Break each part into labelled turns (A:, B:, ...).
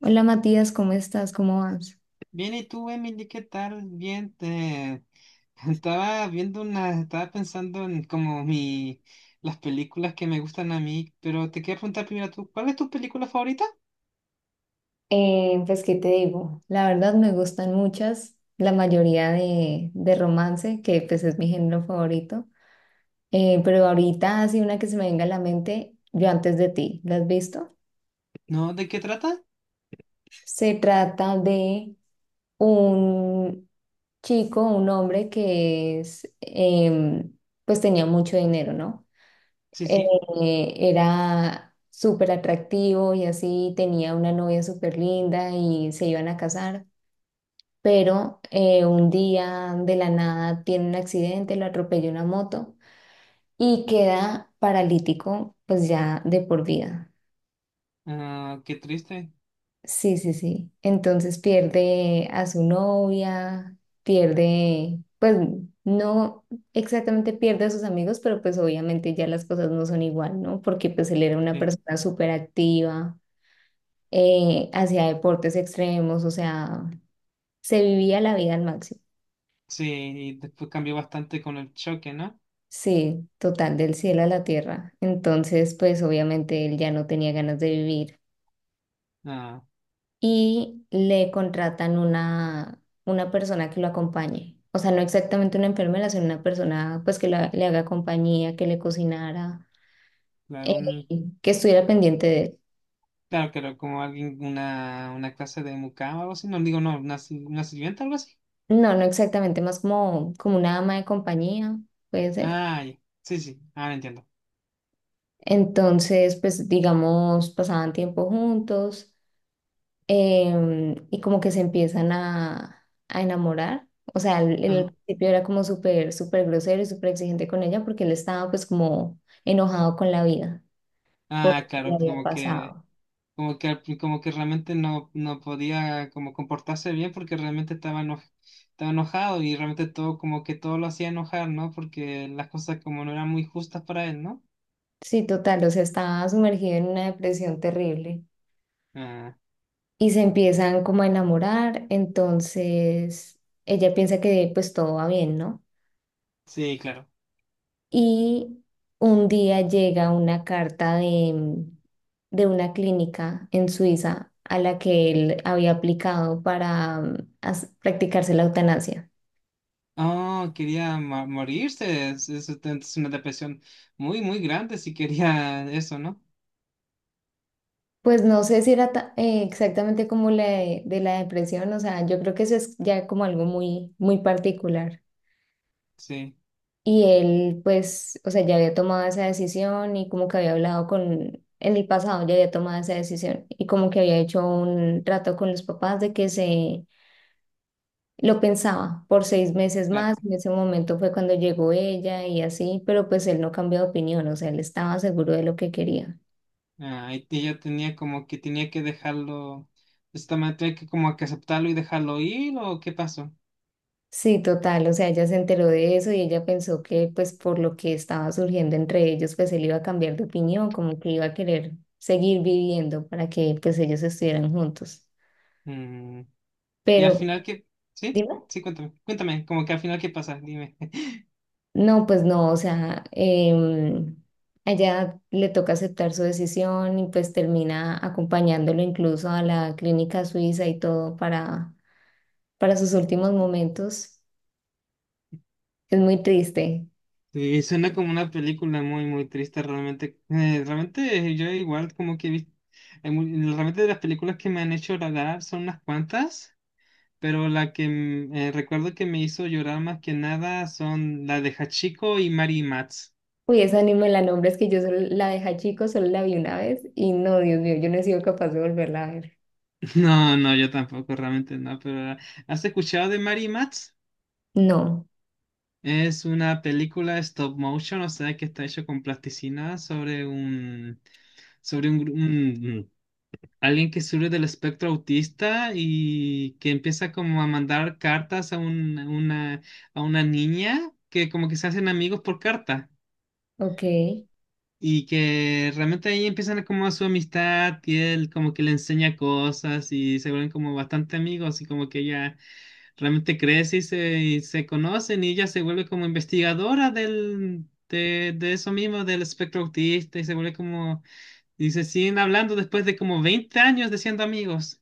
A: Hola Matías, ¿cómo estás? ¿Cómo vas?
B: Bien, ¿y tú, Emily, qué tal? Bien, estaba pensando en como las películas que me gustan a mí, pero te quería preguntar primero tú, ¿cuál es tu película favorita?
A: Pues, ¿qué te digo? La verdad me gustan muchas, la mayoría de romance, que pues es mi género favorito. Pero ahorita así una que se me venga a la mente, Yo antes de ti, ¿la has visto?
B: ¿No? ¿De qué trata?
A: Se trata de un chico, un hombre que es, pues tenía mucho dinero, ¿no?
B: Sí, sí.
A: Era súper atractivo y así tenía una novia súper linda y se iban a casar, pero un día de la nada tiene un accidente, lo atropella una moto y queda paralítico pues ya de por vida.
B: Ah, qué triste.
A: Sí, sí, sí. Entonces pierde a su novia, pierde, pues no exactamente pierde a sus amigos, pero pues obviamente ya las cosas no son igual, ¿no? Porque pues él era una
B: Sí.
A: persona súper activa hacia deportes extremos, o sea, se vivía la vida al máximo.
B: Sí, y después cambió bastante con el choque, ¿no?
A: Sí, total, del cielo a la tierra. Entonces, pues obviamente él ya no tenía ganas de vivir
B: Ah,
A: y le contratan una persona que lo acompañe. O sea, no exactamente una enfermera, sino una persona pues que le haga compañía, que le cocinara, eh,
B: claro,
A: que estuviera pendiente de él.
B: claro, claro, como alguien, una clase de mucama o algo así, no digo, no, una, si- una sirvienta o algo así.
A: No, no exactamente, más como, como una ama de compañía, puede ser.
B: Ah, ya. Sí, sí, ahora entiendo.
A: Entonces, pues digamos, pasaban tiempo juntos, y como que se empiezan a enamorar. O sea, él
B: Ah,
A: al principio era como súper, súper grosero y súper exigente con ella porque él estaba pues como enojado con la vida por
B: ah,
A: lo que le
B: claro,
A: había
B: como que
A: pasado.
B: Como que, como que realmente no, no podía como comportarse bien porque realmente estaba enojado y realmente todo como que todo lo hacía enojar, ¿no? Porque las cosas como no eran muy justas para él, ¿no?
A: Sí, total, o sea, estaba sumergido en una depresión terrible
B: Ah,
A: y se empiezan como a enamorar. Entonces, ella piensa que pues todo va bien, ¿no?
B: sí, claro.
A: Y un día llega una carta de una clínica en Suiza a la que él había aplicado para practicarse la eutanasia.
B: Oh, quería morirse. Es una depresión muy, muy grande si quería eso, ¿no?
A: Pues no sé si era exactamente como la de la depresión, o sea, yo creo que eso es ya como algo muy, muy particular.
B: Sí,
A: Y él, pues, o sea, ya había tomado esa decisión y como que en el pasado ya había tomado esa decisión y como que había hecho un trato con los papás de que se Lo pensaba por 6 meses más,
B: claro.
A: en ese momento fue cuando llegó ella y así, pero pues él no cambió de opinión, o sea, él estaba seguro de lo que quería.
B: Ah, y ella tenía como que tenía que dejarlo, esta manera tenía que como que aceptarlo y dejarlo ir, ¿o qué pasó?
A: Sí, total, o sea, ella se enteró de eso y ella pensó que pues por lo que estaba surgiendo entre ellos, pues él iba a cambiar de opinión, como que iba a querer seguir viviendo para que pues ellos estuvieran juntos.
B: Y al
A: Pero,
B: final, ¿qué? ¿Sí?
A: dime.
B: Sí, cuéntame. Cuéntame, como que al final, ¿qué pasa? Dime.
A: No, pues no, o sea, ella le toca aceptar su decisión y pues termina acompañándolo incluso a la clínica suiza y todo para sus últimos momentos. Es muy triste.
B: Sí, suena como una película muy, muy triste realmente. Realmente yo igual como que. Hay mu- Realmente de las películas que me han hecho llorar son unas cuantas, pero la que recuerdo que me hizo llorar más que nada son la de Hachiko y Mary Matz.
A: Uy, esa ni me la nombres que yo solo la dejé chico, solo la vi una vez y no, Dios mío, yo no he sido capaz de volverla a ver.
B: No, no, yo tampoco, realmente no, pero ¿has escuchado de Mary Matz?
A: No,
B: Es una película stop motion, o sea que está hecho con plasticina sobre un, sobre un, gru- un- alguien que sufre del espectro autista y que empieza como a mandar cartas a una niña que como que se hacen amigos por carta
A: ok,
B: y que realmente ahí empiezan como a su amistad y él como que le enseña cosas y se vuelven como bastante amigos y como que ella realmente crece y se conocen y ella se vuelve como investigadora del, de eso mismo, del espectro autista y se vuelve como, y se siguen hablando después de como 20 años de siendo amigos.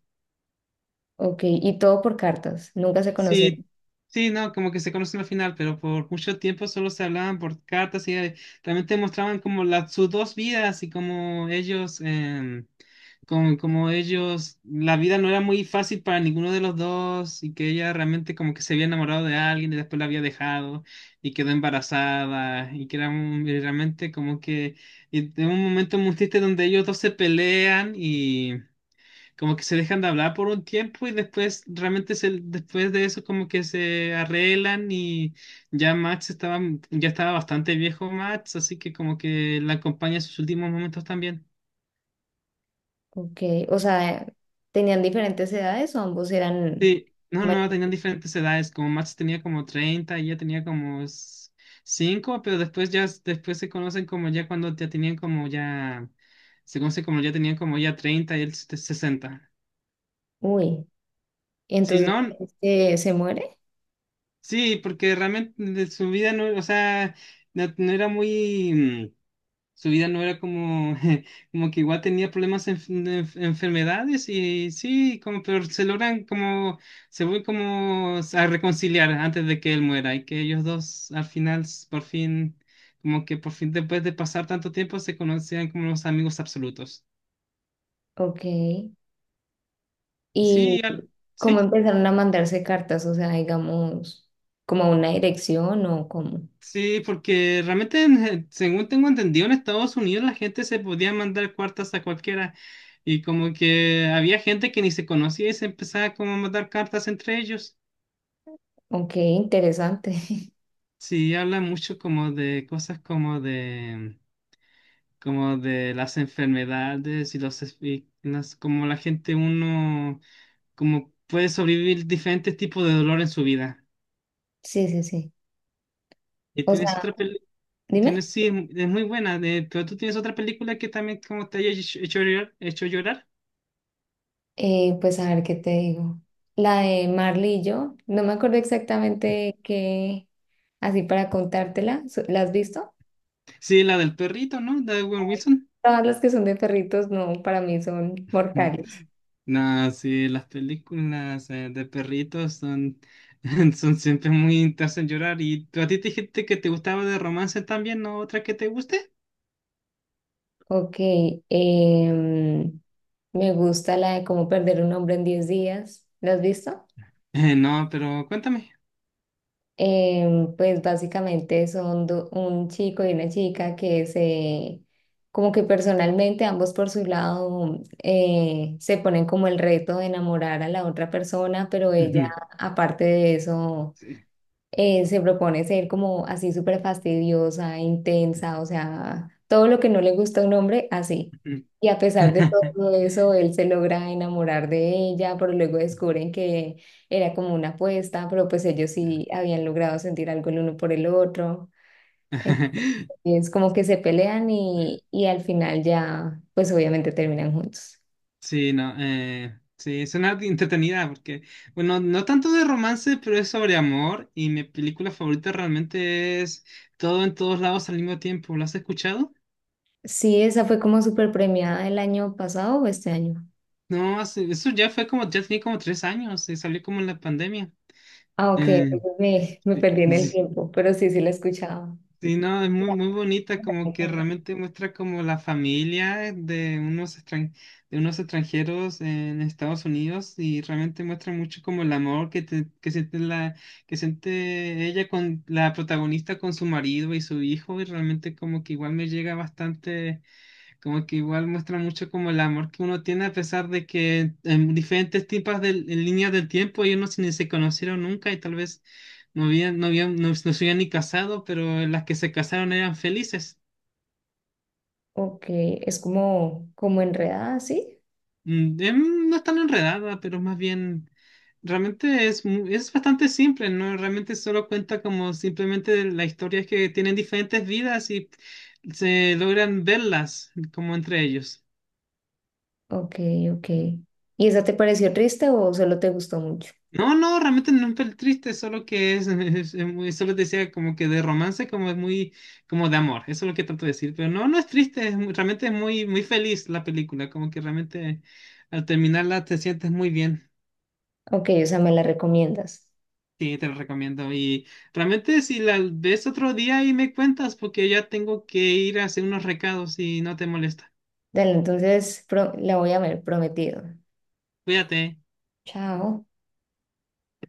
A: ok, y todo por cartas, nunca se conocieron.
B: Sí, sí, no, como que se conocen al final, pero por mucho tiempo solo se hablaban por cartas y realmente mostraban como la, sus dos vidas y como ellos, como ellos, la vida no era muy fácil para ninguno de los dos y que ella realmente como que se había enamorado de alguien y después la había dejado y quedó embarazada y que era y realmente como que y en un momento muy triste donde ellos dos se pelean y como que se dejan de hablar por un tiempo y después realmente se, después de eso como que se arreglan y ya Max estaba, ya estaba bastante viejo Max, así que como que la acompaña en sus últimos momentos también.
A: Ok, o sea, ¿tenían diferentes edades o ambos eran...
B: Sí, no,
A: ma-
B: no, tenían diferentes edades, como Max tenía como 30, ella tenía como 5, pero después ya, después se conocen como ya cuando ya tenían como ya, se conocen como ya tenían como ya 30 y él 60.
A: Uy.
B: Sí,
A: Entonces
B: no,
A: este, se muere,
B: sí, porque realmente de su vida no, o sea, no, no era muy. Su vida no era como, como que igual tenía problemas en, de enfermedades y sí, como, pero se vuelven como a reconciliar antes de que él muera y que ellos dos al final, por fin, como que por fin después de pasar tanto tiempo se conocían como los amigos absolutos.
A: ok. ¿Y
B: Sí,
A: cómo
B: sí.
A: empezaron a mandarse cartas? O sea, digamos, como a una dirección o como,
B: Sí, porque realmente, según tengo entendido, en Estados Unidos la gente se podía mandar cartas a cualquiera. Y como que había gente que ni se conocía y se empezaba como a mandar cartas entre ellos.
A: ok, interesante.
B: Sí, habla mucho como de cosas como de las enfermedades y y las, como la gente uno, como puede sobrevivir diferentes tipos de dolor en su vida.
A: Sí, sí, sí.
B: ¿Y
A: O
B: tienes
A: sea,
B: otra película?
A: dime.
B: Tienes, sí, es muy buena, pero tú tienes otra película que también como te haya hecho, hecho llorar, hecho llorar.
A: Pues a ver qué te digo. La de Marley y yo, no me acuerdo exactamente qué, así para contártela, So- ¿la has visto?
B: Sí, la del perrito, ¿no? De Owen Wilson.
A: Todas las que son de perritos, no, para mí son
B: Mm.
A: mortales.
B: No, sí, las películas de perritos son, son siempre muy te hacen llorar. ¿Y tú a ti te dijiste que te gustaba de romance también, no otra que te guste?
A: Ok, em, me gusta la de cómo perder un hombre en 10 días. ¿Lo has visto?
B: No, pero cuéntame.
A: Pues básicamente son un chico y una chica que se, como que personalmente ambos por su lado se ponen como el reto de enamorar a la otra persona, pero ella aparte de eso
B: Sí.
A: se propone ser como así súper fastidiosa, intensa, o sea, todo lo que no le gusta a un hombre, así. Y a pesar de todo eso, él se logra enamorar de ella, pero luego descubren que era como una apuesta, pero pues ellos sí habían logrado sentir algo el uno por el otro. Entonces, como que se pelean y al final ya, pues obviamente terminan juntos.
B: Sí, no, sí, suena entretenida porque, bueno, no tanto de romance, pero es sobre amor y mi película favorita realmente es Todo en todos lados al mismo tiempo. ¿Lo has escuchado?
A: Sí, esa fue como súper premiada el año pasado o este año.
B: No, eso ya fue como, ya tenía como tres años y salió como en la pandemia.
A: Ah, ok,
B: Eh,
A: entonces me
B: sí,
A: perdí en el
B: sí.
A: tiempo, pero sí, sí la he escuchado.
B: Sí, no, es muy,
A: Ya,
B: muy bonita,
A: cuenta,
B: como
A: me
B: que
A: cuenta.
B: realmente muestra como la familia de de unos extranjeros en Estados Unidos y realmente muestra mucho como el amor que siente ella con la protagonista con su marido y su hijo y realmente como que igual me llega bastante como que igual muestra mucho como el amor que uno tiene a pesar de que en diferentes tipos de en líneas del tiempo ellos no ni se conocieron nunca y tal vez no habían, no, no se habían ni casado, pero las que se casaron eran felices.
A: Ok, es como, como enredada, ¿sí?
B: No es tan enredada, pero más bien realmente es bastante simple, ¿no? Realmente solo cuenta como simplemente la historia es que tienen diferentes vidas y se logran verlas como entre ellos.
A: Ok, ok. ¿Y esa te pareció triste o solo te gustó mucho?
B: No, no, realmente no es triste, solo que es muy, solo te decía como que de romance, como de amor, eso es lo que trato de decir, pero no, no es triste, es realmente es muy, muy feliz la película, como que realmente al terminarla te sientes muy bien,
A: Ok, o sea, me la recomiendas.
B: sí, te lo recomiendo, y realmente si la ves otro día y me cuentas, porque ya tengo que ir a hacer unos recados y no te molesta,
A: Dale, entonces pro- la voy a ver, prometido.
B: cuídate.
A: Chao.